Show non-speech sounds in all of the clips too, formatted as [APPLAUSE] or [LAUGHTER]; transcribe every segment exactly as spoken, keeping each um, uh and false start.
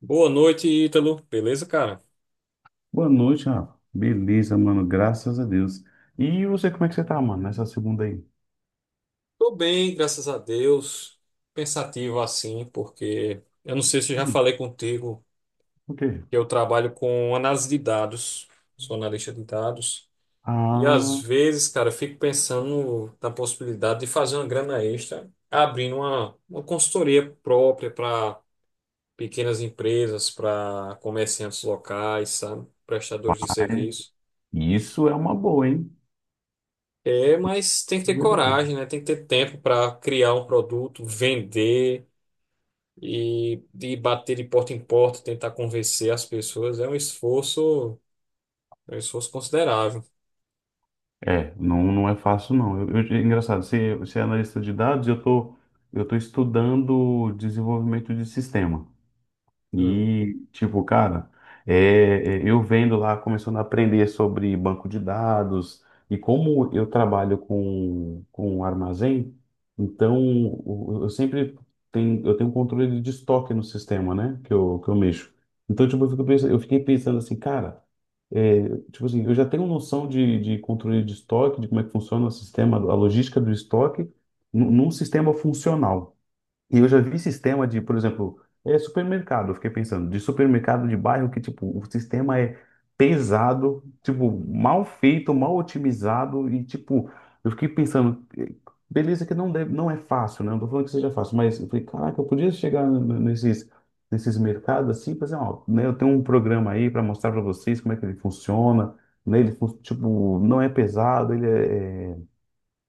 Boa noite, Ítalo. Beleza, cara? Boa noite, Rafa. Beleza, mano, graças a Deus. E você, como é que você tá, mano, nessa segunda aí? Tô bem, graças a Deus. Pensativo assim, porque eu não sei se eu já Hum, falei contigo O quê? que eu trabalho com análise de dados, sou analista de dados. E às Ah, vezes, cara, eu fico pensando na possibilidade de fazer uma grana extra, abrindo uma, uma consultoria própria para pequenas empresas, para comerciantes locais, sabe? Prestadores de é. serviço. Isso é uma boa, hein? É, mas tem que ter Boa ideia. coragem, né? Tem que ter tempo para criar um produto, vender e, e bater de porta em porta, tentar convencer as pessoas. É um esforço, é um esforço considerável. É, não, não é fácil, não. Eu, eu- é engraçado, você, você é analista de dados, eu tô, eu tô estudando desenvolvimento de sistema. Hum. E, tipo, cara, é, é, eu vendo lá, começando a aprender sobre banco de dados e como eu trabalho com, com armazém, então o- eu sempre tenho, eu tenho um controle de estoque no sistema, né, que eu, que eu mexo. Então, tipo, eu fico pensando- eu fiquei pensando assim, cara, é, tipo assim, eu já tenho noção de, de controle de estoque, de como é que funciona o sistema, a logística do estoque, num num sistema funcional. E eu já vi sistema de, por exemplo, é supermercado, eu fiquei pensando, de supermercado de bairro que, tipo, o sistema é pesado, tipo, mal feito, mal otimizado e, tipo, eu fiquei pensando, eh, beleza que não deve, não é fácil, né? Não tô falando que seja fácil, mas eu falei, caraca, eu podia chegar n- n- nesses, nesses mercados assim, e fazer, ó, né, eu tenho um programa aí para mostrar para vocês como é que ele funciona, né? Ele, fun- tipo, não é pesado, ele é é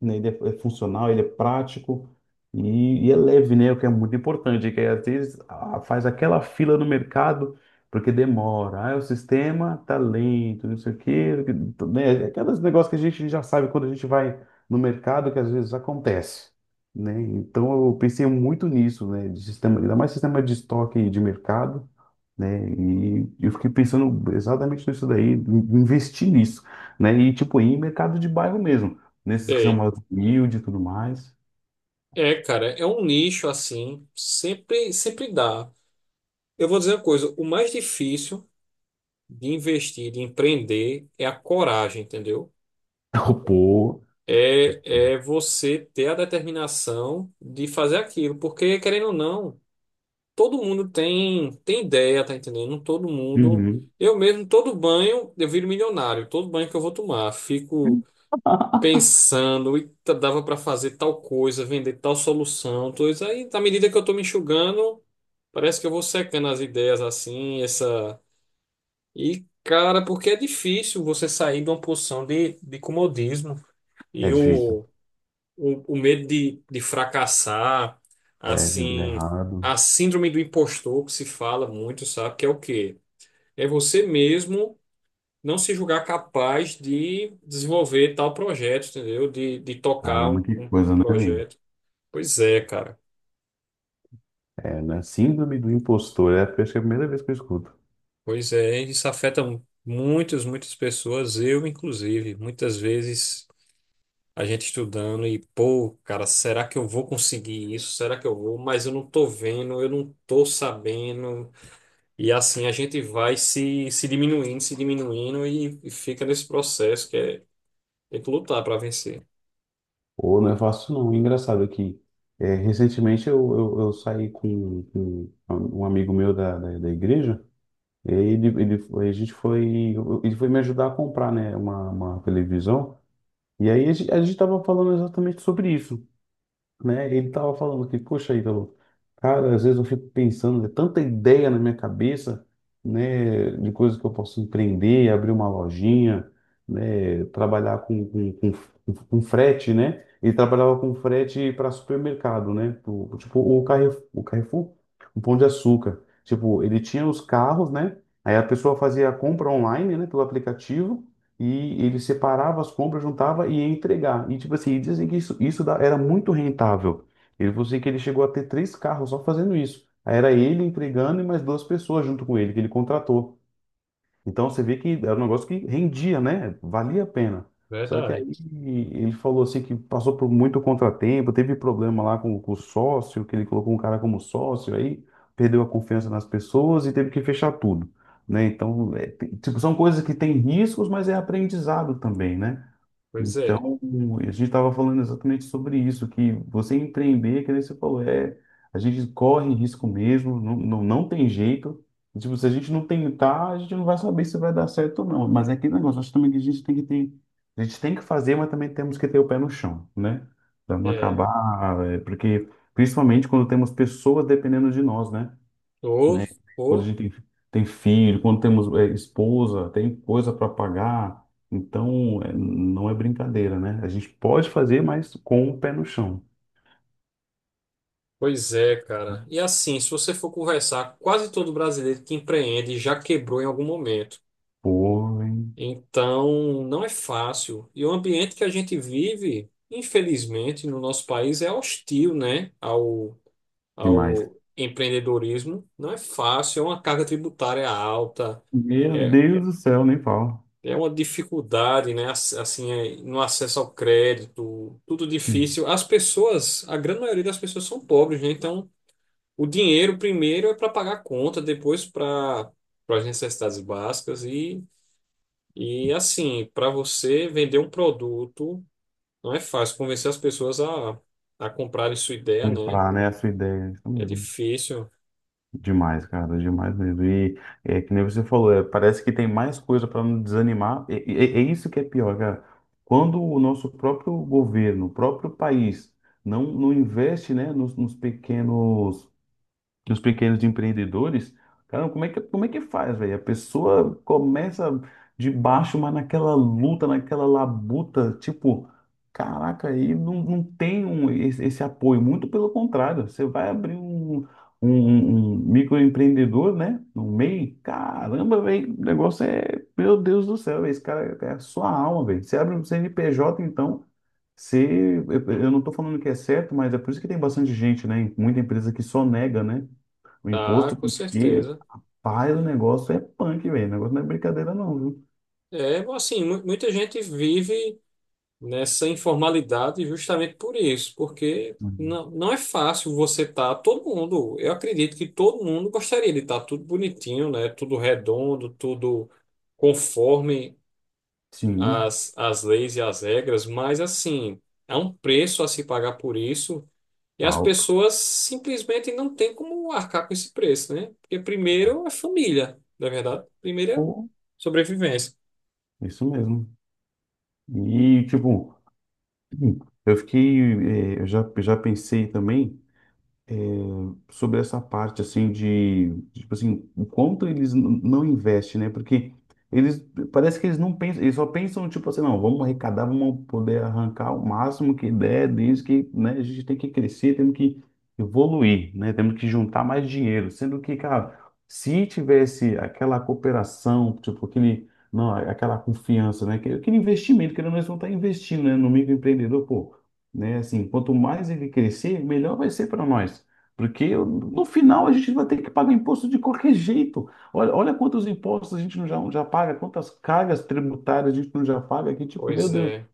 né? Ele é, é funcional, ele é prático e, e é leve, né? O que é muito importante, que às vezes ah, faz aquela fila no mercado porque demora. Ah, o sistema tá lento, não sei o quê, né? Aqueles negócios que a gente já sabe quando a gente vai no mercado que às vezes acontece. Né? Então eu pensei muito nisso, né? De sistema, ainda mais sistema de estoque de mercado, né? E eu fiquei pensando exatamente nisso daí, em- investir nisso, né? E tipo, ir em mercado de bairro mesmo. Nesses que são Sei. mais humildes e tudo mais. É, cara, é um nicho assim, sempre, sempre dá. Eu vou dizer uma coisa, o mais difícil de investir, de empreender, é a coragem, entendeu? [LAUGHS] Pô, É, é você ter a determinação de fazer aquilo, porque querendo ou não. Todo mundo tem tem ideia, tá entendendo? Todo mundo, uhum. eu mesmo, todo banho eu viro milionário, todo banho que eu vou tomar, fico pensando, e dava pra fazer tal coisa, vender tal solução, tudo isso aí, na medida que eu tô me enxugando, parece que eu vou secando as ideias assim, essa e cara, porque é difícil você sair de uma posição de, de comodismo É e difícil. o o, o medo de, de fracassar, É, de dar assim, errado. a síndrome do impostor que se fala muito, sabe? Que é o quê? É você mesmo não se julgar capaz de desenvolver tal projeto, entendeu? De, de tocar Caramba, um, que um- um coisa, né, velho? projeto. Pois é, cara. É, né? Síndrome do impostor. É, acho que é a primeira vez que eu escuto. Pois é, isso afeta mu- muitas, muitas pessoas, eu inclusive. Muitas vezes a gente estudando e, pô, cara, será que eu vou conseguir isso? Será que eu vou? Mas eu não tô vendo, eu não tô sabendo. E assim a gente vai se, se diminuindo, se diminuindo e, e fica nesse processo que é tem que lutar para vencer. Ou não é fácil, não. Engraçado que é, recentemente eu, eu, eu saí com, com um amigo meu da, da, da igreja. E aí ele, ele, foi- a gente foi, eu- ele foi me ajudar a comprar, né, uma, uma televisão. E aí a gente, a gente tava falando exatamente sobre isso. Né? Ele tava falando que, poxa, Ítalo, cara, às vezes eu fico pensando, é tanta ideia na minha cabeça, né, de coisas que eu posso empreender, abrir uma lojinha, né, trabalhar com, com, com, com frete, né? Ele trabalhava com frete para supermercado, né? pro- Tipo, o Carrefour, o Carrefour, o Pão de Açúcar. Tipo, ele tinha os carros, né? Aí a pessoa fazia a compra online, né, pelo aplicativo e ele separava as compras, juntava e ia entregar. E tipo assim, e dizem que isso, isso da- era muito rentável. Ele falou assim que ele chegou a ter três carros só fazendo isso. Aí era ele entregando e mais duas pessoas junto com ele, que ele contratou. Então você vê que era um negócio que rendia, né? Valia a pena. Só que Verdade. aí ele falou assim que passou por muito contratempo, teve problema lá com, com o sócio, que ele colocou um cara como sócio, aí perdeu a confiança nas pessoas e teve que fechar tudo, né? Então, é, tem- tipo, são coisas que têm riscos, mas é aprendizado também, né? Pois é. Então, a gente estava falando exatamente sobre isso, que você empreender, que nem você falou, é, a gente corre risco mesmo, não, não, não tem jeito. E, tipo, se a gente não tentar, a gente não vai saber se vai dar certo ou não. Mas é aquele negócio, acho também que a gente tem que ter, a gente tem que fazer, mas também temos que ter o pé no chão, né? Para não É. acabar, é, porque principalmente quando temos pessoas dependendo de nós, né? Ô, Né? Quando a ô, gente tem, tem filho, quando temos é, esposa, tem coisa para pagar. Então, é, não é brincadeira, né? A gente pode fazer, mas com o pé no chão. pois é, cara. E assim, se você for conversar, quase todo brasileiro que empreende já quebrou em algum momento. Pô, hein? Então, não é fácil. E o ambiente que a gente vive, infelizmente, no nosso país é hostil, né, ao, Demais. ao empreendedorismo. Não é fácil, é uma carga tributária alta. Meu É, Deus do céu, nem fala. é uma dificuldade, né? ass- Assim, é, no acesso ao crédito, tudo Sim, difícil. As pessoas, a grande maioria das pessoas são pobres, né? Então, o dinheiro primeiro é para pagar a conta, depois para para as necessidades básicas e e assim, para você vender um produto, não é fácil convencer as pessoas a a comprarem sua ideia, né? comprar, né? A sua ideia, isso É mesmo. difícil, Demais, cara, demais mesmo. E é que nem você falou, é, parece que tem mais coisa para nos desanimar. E, e- e- é isso que é pior, cara. Quando o nosso próprio governo, o próprio país, não, não investe, né, nos, nos pequenos dos pequenos empreendedores, cara, como é que, como é que faz, velho? A pessoa começa de baixo, mas naquela luta, naquela labuta, tipo, caraca, aí não, não tem um, esse, esse apoio, muito pelo contrário, você vai abrir um, um, um um microempreendedor, né, no meio, caramba, velho, o negócio é, meu Deus do céu, véi, esse cara é a sua alma, velho. Você abre um C N P J, então, se, eu eu não estou falando que é certo, mas é por isso que tem bastante gente, né? Muita empresa que só nega, né? O imposto tá? Com que certeza. faz o negócio é punk, velho. O negócio não é brincadeira, não, viu? É, assim, mu- muita gente vive nessa informalidade justamente por isso, porque Uhum. não, não é fácil você estar, todo mundo, eu acredito que todo mundo gostaria de estar tudo bonitinho, né? Tudo redondo, tudo conforme Sim, as, as leis e as regras, mas assim, é um preço a se pagar por isso. E as alto. pessoas simplesmente não têm como arcar com esse preço, né? Porque primeiro é família, na verdade. Primeiro é Pô, sobrevivência. isso mesmo. E, tipo, hum, eu fiquei. eh, Eu já, já pensei também. É, sobre essa parte assim de, de, tipo assim, o quanto eles n- não investem, né? Porque eles parece que eles não pensam, eles só pensam tipo assim, não, vamos arrecadar, vamos poder arrancar o máximo que der, desde que, né, a gente tem que crescer, temos que evoluir, né? Temos que juntar mais dinheiro, sendo que, cara, se tivesse aquela cooperação, tipo aquele não, aquela confiança, né? Aquele aquele investimento, que nós não, eles estar investindo, né? No microempreendedor, pô, né? Assim, quanto mais ele crescer, melhor vai ser para nós. Porque no final a gente vai ter que pagar imposto de qualquer jeito. Olha, olha quantos impostos a gente não já, já paga, quantas cargas tributárias a gente não já paga, que tipo, meu Pois Deus, é.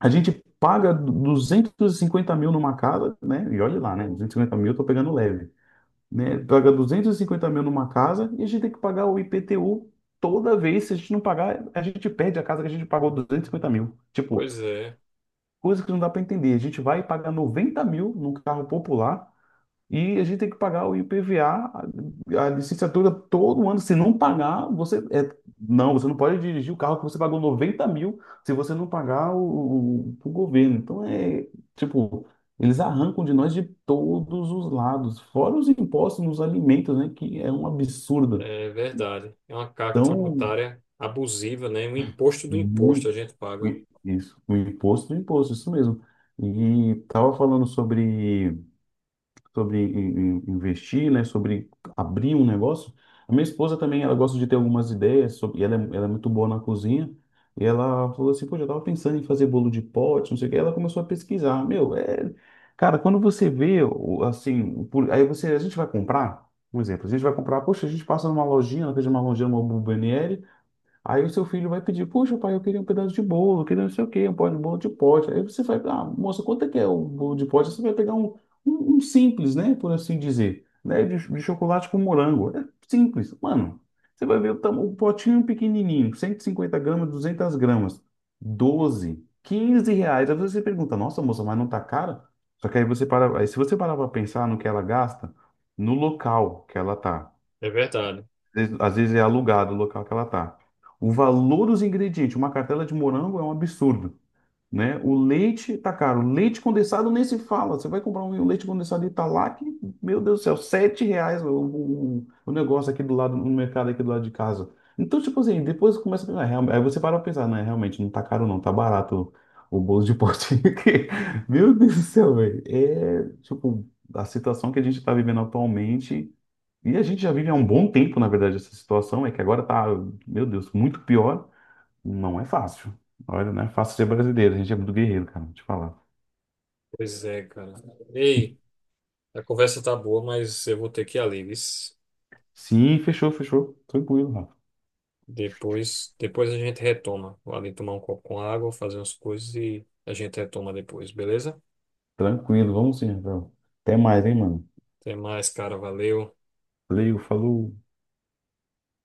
a gente paga duzentos e cinquenta mil numa casa, né? E olha lá, né? Hum. Duzentos e cinquenta mil eu tô pegando leve, né? Paga duzentos e cinquenta mil numa casa e a gente tem que pagar o I P T U toda vez. Se a gente não pagar, a gente perde a casa que a gente pagou duzentos e cinquenta mil. Tipo, Pois é. coisa que não dá para entender. A gente vai pagar noventa mil num carro popular e a gente tem que pagar o I P V A, a a licenciatura todo ano. Se não pagar, você é, não, você não pode dirigir o carro que você pagou noventa mil se você não pagar o, o, o governo. Então é tipo, eles arrancam de nós de todos os lados, fora os impostos nos alimentos, né? Que é um absurdo. É verdade. É uma carga Então, tributária abusiva, né? Um imposto do imposto a muito gente paga. isso, o imposto do imposto, isso mesmo. E tava falando sobre sobre in- in- investir, né, sobre abrir um negócio. A minha esposa também, ela gosta de ter algumas ideias sobre, e ela é, ela é muito boa na cozinha. E ela falou assim, pô, eu tava pensando em fazer bolo de pote, não sei o que. Ela começou a pesquisar. Meu, é, cara, quando você vê, o- assim, por- aí você, a gente vai comprar, um exemplo, a gente vai comprar, poxa, a gente passa numa lojinha, ela fez uma lojinha, uma Bomboniere, aí o seu filho vai pedir, puxa, pai, eu queria um pedaço de bolo, eu queria não sei o quê, um pó de bolo de pote. Aí você vai, ah, moça, quanto é que é o bolo de pote? Você vai pegar um, um, um simples, né, por assim dizer, né, de, de chocolate com morango. É simples, mano. Você vai ver o, tam- o potinho pequenininho, cento e cinquenta gramas, duzentas gramas, doze, quinze reais. Aí você pergunta, nossa, moça, mas não tá caro? Só que aí você para, aí se você parar para pensar no que ela gasta, no local que ela tá. É verdade. Às vezes- às vezes é alugado o local que ela tá. O valor dos ingredientes, uma cartela de morango é um absurdo, né? O leite tá caro, leite condensado nem se fala. Você vai comprar um um leite condensado Italac, meu Deus do céu, sete reais o, o, o negócio aqui do lado, no mercado aqui do lado de casa. Então, tipo assim, depois começa a pensar, "Ah, real- aí você para pra pensar, né? Realmente não tá caro não, tá barato o, o bolo de potinho aqui. [LAUGHS] Meu Deus do céu, velho. É, tipo, a situação que a gente tá vivendo atualmente e a gente já vive há um bom tempo, na verdade, essa situação, é que agora tá, meu Deus, muito pior. Não é fácil. Olha, não é fácil ser brasileiro, a gente é muito guerreiro, cara, vou te falar. Pois é, cara. Ei, a conversa tá boa, mas eu vou ter que ir ali, vis. Sim, fechou, fechou. Tranquilo, Rafa. Depois, depois a gente retoma. Vou ali tomar um copo com água, fazer umas coisas e a gente retoma depois, beleza? Tranquilo, vamos sim, Rafael. Até mais, hein, mano. Até mais, cara. Valeu. Valeu, falou.